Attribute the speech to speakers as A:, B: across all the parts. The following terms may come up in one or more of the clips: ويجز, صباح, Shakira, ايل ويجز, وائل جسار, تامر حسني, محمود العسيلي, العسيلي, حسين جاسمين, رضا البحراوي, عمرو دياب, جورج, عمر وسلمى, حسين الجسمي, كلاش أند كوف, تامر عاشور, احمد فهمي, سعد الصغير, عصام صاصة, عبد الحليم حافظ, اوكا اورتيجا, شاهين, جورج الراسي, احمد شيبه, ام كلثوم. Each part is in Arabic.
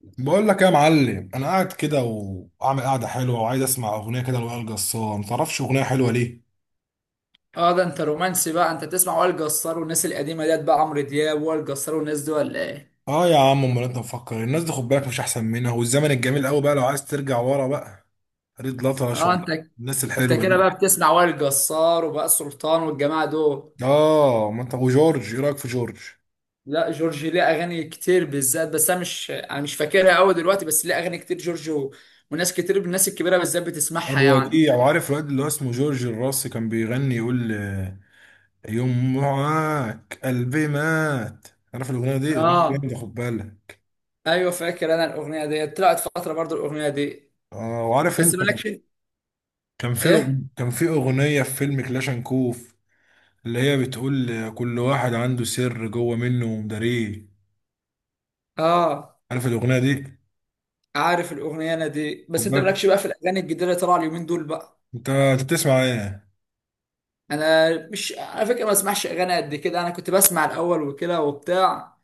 A: بقول لك يا معلم، انا قاعد كده واعمل قعده حلوه وعايز اسمع اغنيه كده لوائل جسار. ما تعرفش اغنيه حلوه ليه؟
B: اه، ده انت رومانسي بقى. انت تسمع وائل جسار والناس القديمه ديت، بقى عمرو دياب وائل جسار والناس دي ولا ايه؟
A: اه يا عم، امال انت مفكر إيه؟ الناس دي خد بالك مش احسن منها، والزمن الجميل قوي بقى لو عايز ترجع ورا بقى. ريد لطرش
B: اه، انت.
A: والناس
B: انت
A: الحلوه
B: كده
A: دي.
B: بقى بتسمع وائل جسار وبقى سلطان والجماعه دول.
A: اه، ما انت وجورج، ايه رايك في جورج؟
B: لا، جورج ليه اغاني كتير بالذات، بس انا مش فاكرها قوي دلوقتي. بس ليه اغاني كتير جورج. وناس كتير من الناس الكبيره بالذات بتسمعها
A: هو
B: يعني.
A: دي، وعارف الواد اللي هو اسمه جورج الراسي كان بيغني يقول يوم معاك قلبي مات. عارف الاغنيه دي؟ الاغنيه دي
B: اه،
A: جامده خد بالك.
B: ايوه فاكر انا الاغنيه دي، طلعت فتره برضو الاغنيه دي.
A: اه وعارف
B: بس
A: انت،
B: مالكش. ايه.
A: كان في أغنية في فيلم كلاش أند كوف، اللي هي بتقول كل واحد عنده سر جوه منه ومداريه.
B: اه،
A: عارف الأغنية دي؟
B: عارف الاغنيه انا دي،
A: خد
B: بس انت
A: بالك.
B: مالكش بقى في الاغاني الجديده اللي طالعه اليومين دول بقى.
A: أنت بتسمع إيه؟
B: انا مش على فكره ما بسمعش اغاني قد كده، انا كنت بسمع الاول وكده وبتاع.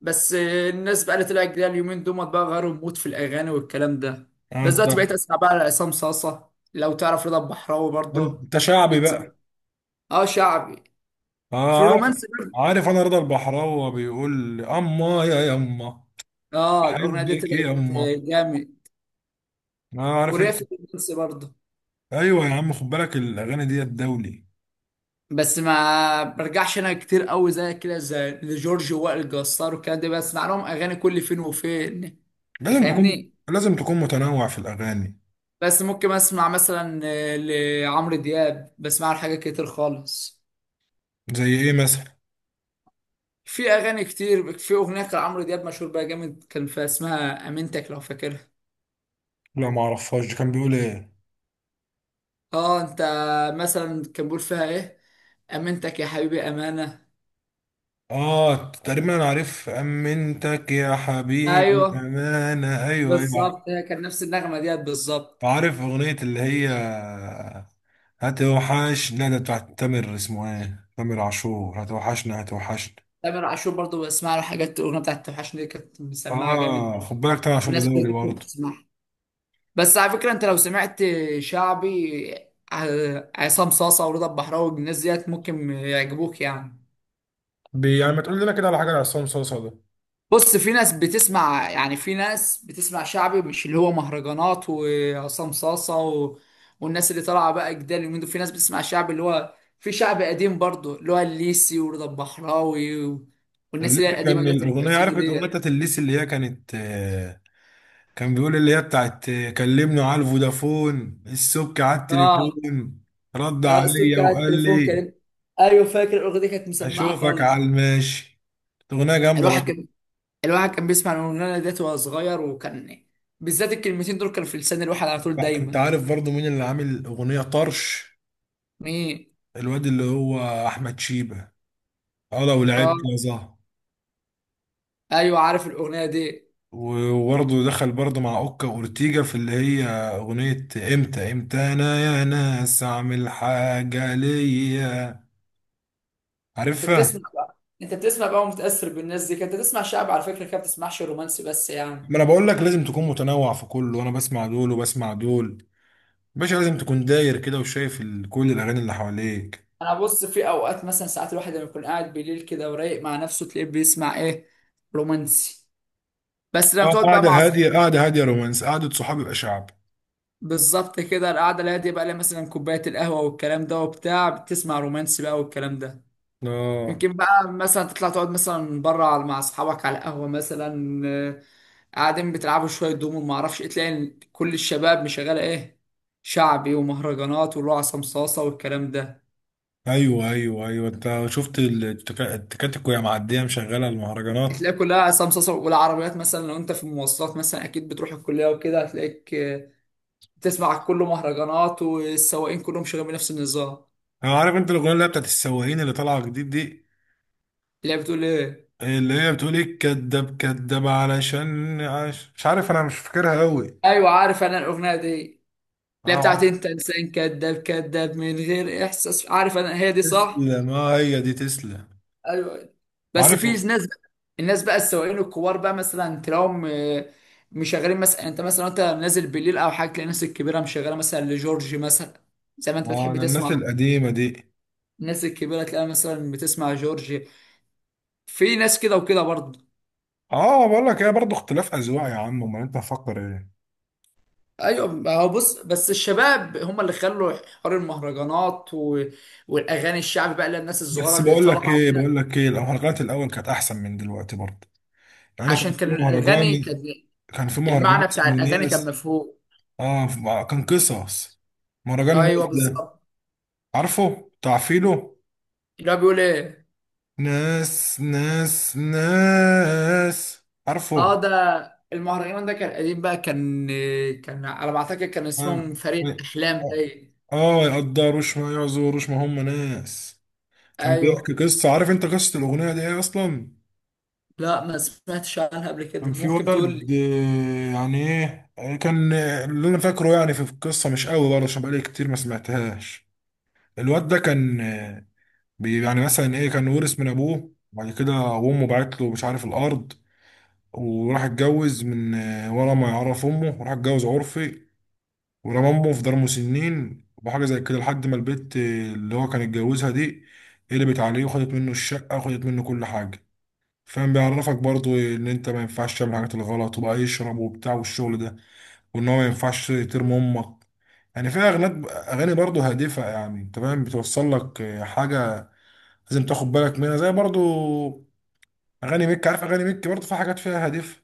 B: بس الناس بقى اللي طلعت جديده اليومين دول بقى غيروا المود في الاغاني والكلام ده. بس
A: أنت،
B: دلوقتي بقيت اسمع بقى لعصام صاصه، لو تعرف رضا البحراوي برضه
A: أنت شعبي
B: يتسمع.
A: بقى.
B: اه، شعبي. في
A: آه عارف.
B: الرومانس برضه.
A: عارف أنا رضا البحراوي بيقول أما يا يما،
B: اه، الاغنيه دي
A: بحبك
B: طلعت
A: يا أما.
B: جامد.
A: آه عارف
B: وريا
A: أنت.
B: في الرومانس برضه.
A: أيوه يا عم، خد بالك الأغاني دي الدولي.
B: بس ما برجعش انا كتير قوي زي كده، زي لجورج وائل جسار والكلام ده بسمع لهم اغاني كل فين وفين. انت
A: لازم تكون
B: فاهمني.
A: لازم تكون متنوع في الأغاني.
B: بس ممكن اسمع مثلا لعمرو دياب بسمع له حاجات كتير خالص.
A: زي إيه مثلا؟
B: في اغاني كتير، في اغنيه كان عمرو دياب مشهور بيها جامد كان فيها اسمها امنتك لو فاكرها.
A: لا معرفهاش دي، كان بيقول إيه؟
B: اه، انت. مثلا كان بيقول فيها ايه. امنتك يا حبيبي امانه.
A: اه تقريبا انا عارف، امنتك يا حبيبي
B: ايوه
A: امانه، ايوه ايوه.
B: بالظبط، هي كان نفس النغمه ديت بالظبط.
A: عارف اغنيه اللي هي هتوحش، لا ده بتاعت تامر، اسمه ايه، تامر عاشور، هتوحشنا هتوحشنا.
B: تامر عاشور برضه بسمع له حاجات، الاغنيه بتاعت توحشني دي كانت مسمعه جامد
A: اه
B: برضه.
A: خد بالك، تامر عاشور ده
B: وناس كتير
A: دولي
B: كنت
A: برضه.
B: بتسمعها. بس على فكرة، انت لو سمعت شعبي، عصام صاصة ورضا البحراوي الناس ديت ممكن يعجبوك يعني.
A: بي يعني، ما تقول لنا كده على حاجه لعصام صاصا ده.
B: بص، في ناس بتسمع يعني، في ناس بتسمع شعبي مش اللي هو مهرجانات وعصام صاصة. والناس اللي طالعة بقى جدال اليومين دول، في ناس بتسمع شعبي اللي هو في شعبي قديم برضه اللي هو الليسي ورضا البحراوي. والناس اللي هي
A: الليسي،
B: القديمة
A: كان
B: ديت
A: الاغنيه،
B: الحسيني
A: عارف الاغنيه
B: ديت.
A: بتاعت الليسي اللي هي كانت كان بيقول اللي هي بتاعت كلمني على الفودافون، السبك على
B: اه.
A: التليفون، رد
B: اه، الصوت
A: عليا
B: كان على
A: وقال
B: التليفون
A: لي
B: كان. ايوه فاكر الاغنية دي كانت مسمعة
A: هشوفك على
B: خالص.
A: الماشي. اغنيه جامده
B: الواحد
A: برضه.
B: كان الواحد كان بيسمع الاغنيه ديت وهو صغير وكان. بالذات الكلمتين دول كانوا في لسان الواحد على طول
A: بقى،
B: دايما.
A: انت عارف برضه مين اللي عامل اغنيه طرش؟
B: مين؟
A: الواد اللي هو احمد شيبه، اه لو
B: اه،
A: لعبت يا زهر.
B: ايوه عارف الاغنيه دي.
A: وبرضه دخل برضه مع اوكا اورتيجا في اللي هي اغنيه، امتى امتى انا يا ناس اعمل حاجه ليا،
B: انت
A: عارفها؟
B: بتسمع بقى انت بتسمع بقى ومتاثر بالناس دي، كانت بتسمع شعب على فكره كده. ما بتسمعش رومانسي بس يعني.
A: ما انا بقول لك لازم تكون متنوع في كله، وانا بسمع دول وبسمع دول. باشا، لازم تكون داير كده وشايف كل الاغاني اللي حواليك.
B: انا بص، في اوقات مثلا ساعات الواحد لما يكون قاعد بالليل كده ورايق مع نفسه، تلاقيه بيسمع ايه؟ رومانسي. بس لما
A: اه
B: تقعد بقى
A: قاعده
B: مع
A: هاديه،
B: اصحابك.
A: قاعده هاديه رومانس، قاعده صحاب يبقى شعب.
B: بالظبط كده، القعده اللي هي دي بقى لها مثلا كوبايه القهوه والكلام ده وبتاع بتسمع رومانسي بقى والكلام ده.
A: اه.
B: يمكن بقى مثلا تطلع تقعد مثلا بره مع اصحابك على قهوه مثلا. قاعدين بتلعبوا شويه دومو ما اعرفش ايه، تلاقي إن كل الشباب مشغله ايه. شعبي ومهرجانات واللي هو عصام صاصه والكلام ده.
A: ايوه ايوه ايوه، انت شفت التكاتك وهي معديه مشغله المهرجانات.
B: هتلاقي كلها عصام صاصه، والعربيات مثلا لو انت في المواصلات مثلا اكيد بتروح الكليه وكده، هتلاقيك بتسمع كله مهرجانات، والسواقين كلهم شغالين بنفس النظام.
A: انا عارف انت الاغنيه اللي هي بتاعت السواقين اللي طالعه جديد دي،
B: تلاقي بتقول ايه.
A: اللي هي بتقول ايه كداب كداب علشان مش عارف، انا مش فاكرها قوي.
B: ايوه عارف انا الاغنيه دي، اللي
A: اه
B: هي بتاعت
A: عارف.
B: انت انسان كذاب كذاب من غير احساس، عارف انا هي دي صح.
A: تسلم، اه هي دي، تسلم.
B: ايوه. بس في
A: عارف.
B: ناس. الناس بقى السواقين الكبار بقى مثلا تلاقيهم مشغلين مثلا، يعني انت مثلا انت نازل بالليل او حاجه تلاقي الناس الكبيره مشغله مثلا لجورج مثلا. زي ما انت
A: اه
B: بتحب
A: انا الناس
B: تسمع.
A: القديمه دي.
B: الناس الكبيره تلاقيها مثلا بتسمع جورج. في ناس كده وكده برضه.
A: اه بقول لك ايه، برضه اختلاف اذواق يا عم، امال انت مفكر ايه.
B: ايوه، ما هو بص بس الشباب هم اللي خلوا حوار المهرجانات، والاغاني الشعبي بقى للناس
A: بس
B: الصغيره اللي
A: بقول لك
B: طالعه
A: ايه،
B: كده.
A: بقول لك ايه، المهرجانات الاول كانت احسن من دلوقتي برضه. يعني
B: عشان
A: كان في
B: كان الاغاني كان،
A: مهرجان، كان في مهرجان
B: المعنى بتاع
A: اسمه
B: الاغاني كان
A: ناس.
B: مفهوم.
A: اه، كان قصص. مهرجان
B: ايوه
A: ناس ده
B: بالظبط.
A: عارفه، بتاع فيلو،
B: اللي هو بيقول ايه.
A: ناس ناس ناس، عارفه.
B: اه، ده. المهرجان ده كان قديم بقى كان. كان على ما اعتقد كان
A: اه
B: اسمهم فريق احلام باين.
A: آه، ما يقدروش، ما يعذروش، ما هم ناس. كان بيحكي
B: ايوه.
A: قصة، عارف انت قصة الأغنية دي ايه أصلا؟
B: لا، ما سمعتش عنها قبل
A: كان
B: كده،
A: في
B: ممكن تقول
A: ولد
B: لي.
A: يعني ايه، آه، كان آه، اللي انا فاكره يعني في القصة مش قوي برضه عشان بقالي كتير ما سمعتهاش. الواد ده كان، يعني مثلا ايه، كان ورث من ابوه، وبعد كده امه بعت له مش عارف الارض، وراح اتجوز من ورا ما يعرف امه، وراح اتجوز عرفي، ورمى امه في دار مسنين وحاجه زي كده، لحد ما البت اللي هو كان اتجوزها دي قلبت عليه وخدت منه الشقه وخدت منه كل حاجه. فاهم، بيعرفك برضو ان انت ما ينفعش تعمل الحاجات الغلط وبقى يشرب وبتاع والشغل ده، وان هو ما ينفعش ترمي امك. يعني فيها اغاني، اغاني برضو هادفه، يعني انت فاهم، بتوصل لك حاجه لازم تاخد بالك منها. زي برضو اغاني ميك، عارف اغاني ميك برضو في حاجات فيها هدف.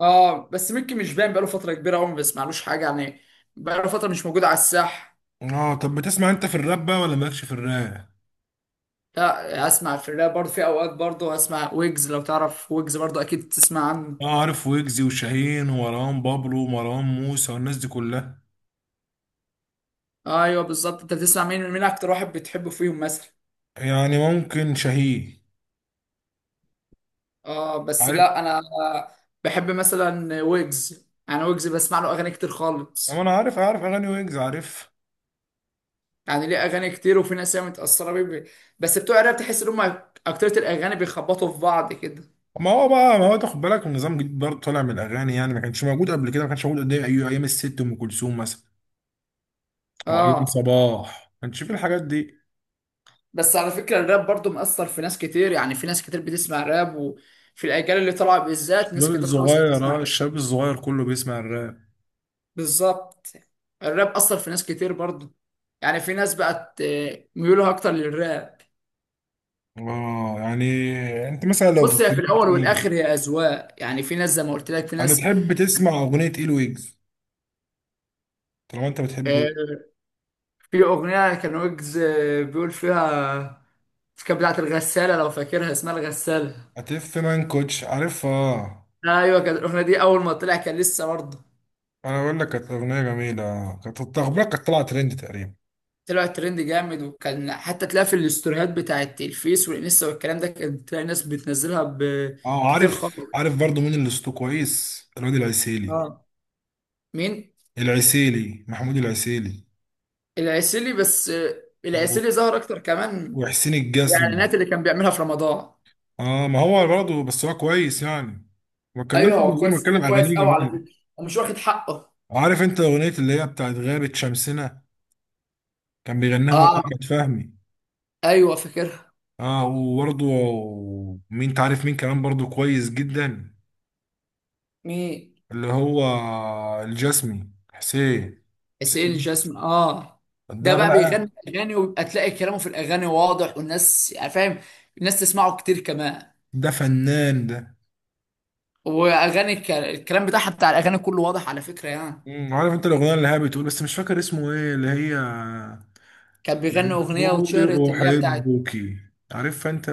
B: اه، بس ممكن مش باين بقاله فتره كبيره قوي ما بسمعلوش حاجه يعني. بقاله فتره مش موجود على الساحه.
A: اه، طب بتسمع انت في الراب بقى ولا مالكش في الراب؟
B: لا، اسمع في الراب برضه، في اوقات برضه اسمع ويجز، لو تعرف ويجز برضه اكيد تسمع عنه.
A: اه عارف ويجزي وشاهين ومروان بابلو ومروان موسى والناس دي كلها.
B: ايوه بالظبط، انت بتسمع مين، مين اكتر واحد بتحبه فيهم مثلا؟
A: يعني ممكن شاهين.
B: اه، بس
A: عارف.
B: لا انا بحب مثلا ويجز، انا ويجز بسمع له اغاني كتير
A: أما
B: خالص،
A: انا عارف، عارف اغاني ويجز، عارف.
B: يعني ليه اغاني كتير وفي ناس هي متاثره بيه. بس بتوع الراب تحس ان هم اكترية الاغاني بيخبطوا في بعض كده.
A: ما هو بقى، ما هو تاخد بالك النظام جديد برضه طالع من الاغاني، يعني ما كانش موجود قبل كده، ما كانش موجود قد ايه. أيوة ايام الست ام كلثوم مثلا، او ايام
B: اه،
A: صباح، ما كانش في الحاجات دي.
B: بس على فكره الراب برضو مأثر في ناس كتير، يعني في ناس كتير بتسمع راب، وفي الاجيال اللي طالعه بالذات ناس
A: الشباب
B: كتير خالص
A: الصغير،
B: بتسمع
A: اه
B: راب.
A: الشاب الصغير كله بيسمع الراب.
B: بالظبط. الراب اثر في ناس كتير برضو، يعني في ناس بقت ميولها اكتر للراب.
A: اه يعني، انت مثلا لو
B: بص، هي في الاول
A: بتحب-
B: والاخر هي اذواق، يعني في ناس زي ما قلت لك في
A: انا
B: ناس.
A: تحب تسمع اغنيه ايل ويجز، طالما انت بتحبه.
B: آه، في اغنيه كان ويجز بيقول فيها، كانت بتاعت الغسالة لو فاكرها اسمها الغسالة.
A: هتف مان كوتش، عارفها؟
B: ايوه، كانت الاغنية دي اول ما طلع كان لسه برضه.
A: انا بقول لك كانت اغنيه جميله، كانت التخبيره كانت طالعه ترند تقريبا.
B: طلع ترند جامد، وكان حتى تلاقي في الاستوريات بتاعت الفيس والانستا والكلام ده كان تلاقي ناس بتنزلها
A: اه
B: بكتير خالص.
A: عارف، عارف برضو مين اللي صوته كويس، الواد العسيلي.
B: اه. مين؟
A: العسيلي، محمود العسيلي.
B: العسيلي، بس
A: و-
B: العسيلي ظهر اكتر كمان
A: وحسين
B: في
A: الجسمي.
B: الاعلانات اللي كان بيعملها في رمضان.
A: اه ما هو برضه بس هو كويس يعني، ما اتكلمش
B: ايوه،
A: عن
B: هو
A: غير
B: كويس،
A: ما اتكلم،
B: صوته كويس
A: اغانيه
B: قوي على
A: جميله.
B: فكرة ومش واخد حقه.
A: عارف انت اغنيه اللي هي بتاعت غابه شمسنا، كان بيغنيها هو
B: اه.
A: احمد فهمي.
B: ايوه فاكرها.
A: اه وبرضه، مين تعرف مين كمان برضه كويس جدا؟
B: مين؟
A: اللي هو الجسمي حسين.
B: حسين
A: حسين
B: جاسمين. اه. ده
A: ده
B: بقى
A: بقى.
B: بيغني اغاني، ويبقى تلاقي كلامه في الاغاني واضح والناس يعني فاهم. الناس تسمعه كتير كمان.
A: ده فنان ده.
B: واغاني الكلام بتاعها بتاع الاغاني كله واضح على فكره يعني.
A: عارف انت الاغنيه اللي هي بتقول، بس مش فاكر اسمه ايه اللي هي،
B: كان بيغني اغنيه واتشهرت،
A: بتقولي
B: اللي هي بتاعت
A: احبك، عارف انت؟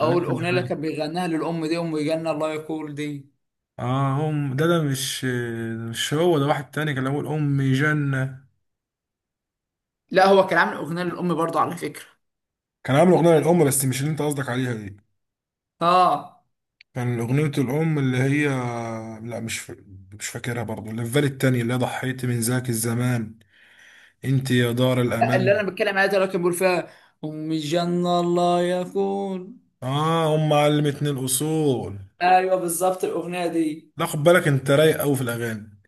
B: اول
A: عارف
B: اغنيه اللي
A: الأغنية دي؟
B: كان بيغناها للام، دي ام جنه الله يقول دي.
A: اه هم ده، مش مش هو ده، واحد تاني كان اول امي جنه.
B: لا، هو كان عامل اغنيه للام برضه على فكره.
A: كان عامل اغنيه للام بس مش اللي انت قصدك عليها دي.
B: اه.
A: كان أغنية الأم اللي هي، لا مش ف... مش فاكرها برضو، اللي في بالي التانية اللي هي ضحيت من ذاك الزمان، انت يا دار
B: لا، اللي
A: الأمان.
B: انا بتكلم عليها ده اللي كان بيقول فيها ام جنه الله يقول.
A: اه، أم علمتني الأصول.
B: ايوه بالظبط الاغنيه دي.
A: لا خد بالك، انت رايق أوي في الأغاني.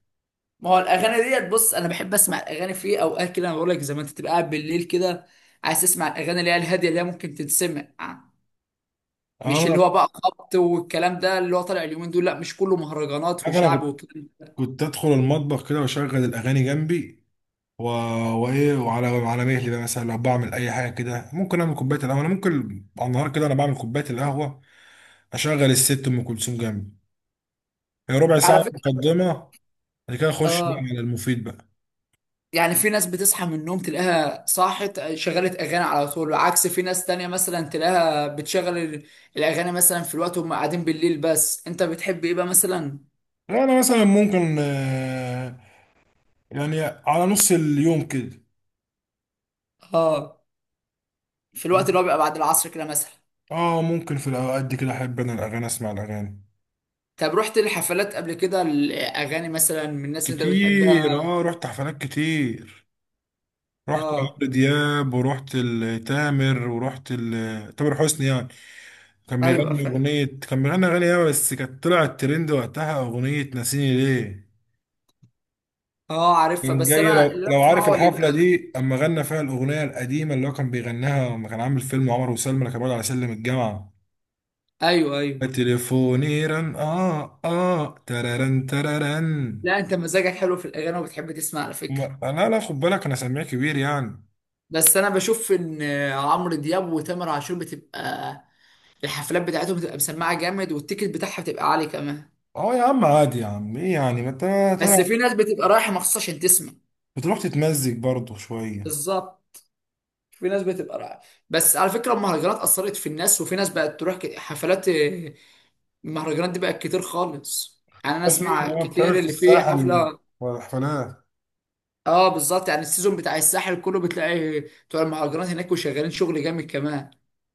B: ما هو الاغاني ديت بص، انا بحب اسمع الاغاني في اوقات كده انا بقول لك زي ما انت تبقى قاعد بالليل كده. عايز تسمع الاغاني اللي هي الهاديه اللي هي ممكن تتسمع.
A: اه
B: مش
A: أنا،
B: اللي هو بقى خبط والكلام ده اللي هو طالع اليومين دول، لا مش كله مهرجانات
A: عارف أنا،
B: وشعب
A: كنت
B: والكلام ده.
A: كنت أدخل المطبخ كده وأشغل الأغاني جنبي، و... وإيه، وعلى مهلي بقى مثلا لو بعمل أي حاجة كده، ممكن أعمل كوباية القهوة. أنا ممكن على النهار كده أنا بعمل كوباية القهوة، أشغل الست أم كلثوم جنبي، هي ربع ساعة
B: على فكره.
A: مقدمة، بعد كده أخش بقى
B: اه.
A: على المفيد بقى.
B: يعني في ناس بتصحى من النوم تلاقيها صاحت شغلت اغاني على طول، عكس في ناس تانية مثلا تلاقيها بتشغل الاغاني مثلا في الوقت وهم قاعدين بالليل. بس انت بتحب ايه بقى مثلا؟
A: انا مثلا ممكن يعني على نص اليوم كده.
B: اه، في الوقت اللي هو بيبقى بعد العصر كده مثلا.
A: اه ممكن في الاوقات دي كده احب انا الاغاني، اسمع الاغاني
B: طب رحت لحفلات قبل كده، الاغاني مثلا من الناس اللي انت بتحبها.
A: كتير. اه رحت حفلات كتير، رحت
B: اه.
A: عمرو دياب، ورحت لتامر، تامر حسني يعني. كان
B: ايوه
A: بيغني
B: فاهم.
A: اغنية، كان بيغني اغاني ايه، بس كانت طلعت ترند وقتها اغنية ناسيني ليه.
B: اه، عارفها
A: كان
B: بس
A: جاي،
B: انا
A: لو
B: اللي انا
A: لو عارف
B: بسمعه اللي
A: الحفلة
B: يبقى.
A: دي، اما غنى فيها الاغنية القديمة اللي هو كان بيغناها لما كان عامل فيلم عمر وسلمى، اللي كان بيقعد على سلم الجامعة،
B: ايوه ايوه.
A: تليفوني رن، اه اه، تررن تررن.
B: لا، انت مزاجك حلو في الاغاني وبتحب تسمع على فكره.
A: لا لا خد بالك، انا سامع كبير يعني.
B: بس انا بشوف ان عمرو دياب وتامر عاشور بتبقى الحفلات بتاعتهم بتبقى مسمعه جامد، والتيكت بتاعها بتبقى عالي كمان.
A: اه يا عم عادي يا عم، ايه يعني، ما انت طالع،
B: بس في ناس بتبقى رايحه مخصوص عشان تسمع.
A: بتروح تتمزج برضه شويه.
B: بالظبط. في ناس بتبقى رايحه. بس على فكره المهرجانات اثرت في الناس، وفي ناس بقت تروح حفلات. المهرجانات دي بقت كتير خالص، يعني انا
A: اه في،
B: اسمع
A: اه بتعمل
B: كتير
A: في
B: اللي فيه
A: الساحل
B: حفله.
A: والحفلات.
B: اه بالظبط، يعني السيزون بتاع الساحل كله بتلاقي بتوع المهرجانات هناك وشغالين شغل جامد كمان.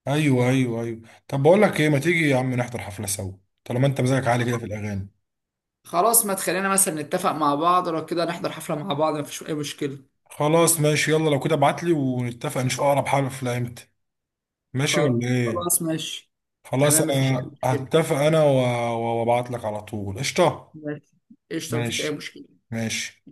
A: ايوه ايوه ايوه، طب بقول لك ايه، ما تيجي يا عم نحضر حفله سوا، طالما انت مزاجك عالي كده في الاغاني.
B: خلاص، ما تخلينا مثلا نتفق مع بعض لو كده نحضر حفله مع بعض مفيش اي مشكله.
A: خلاص ماشي، يلا لو كده ابعت لي ونتفق نشوف اقرب حفله امتى. ماشي
B: خل-
A: ولا ايه؟
B: خلاص ماشي.
A: خلاص،
B: تمام، مفيش اي
A: انا
B: مشكله.
A: هتفق انا وابعت لك على طول، قشطه.
B: ماشي. قشطه، مفيش اي
A: ماشي.
B: مشكله.
A: ماشي.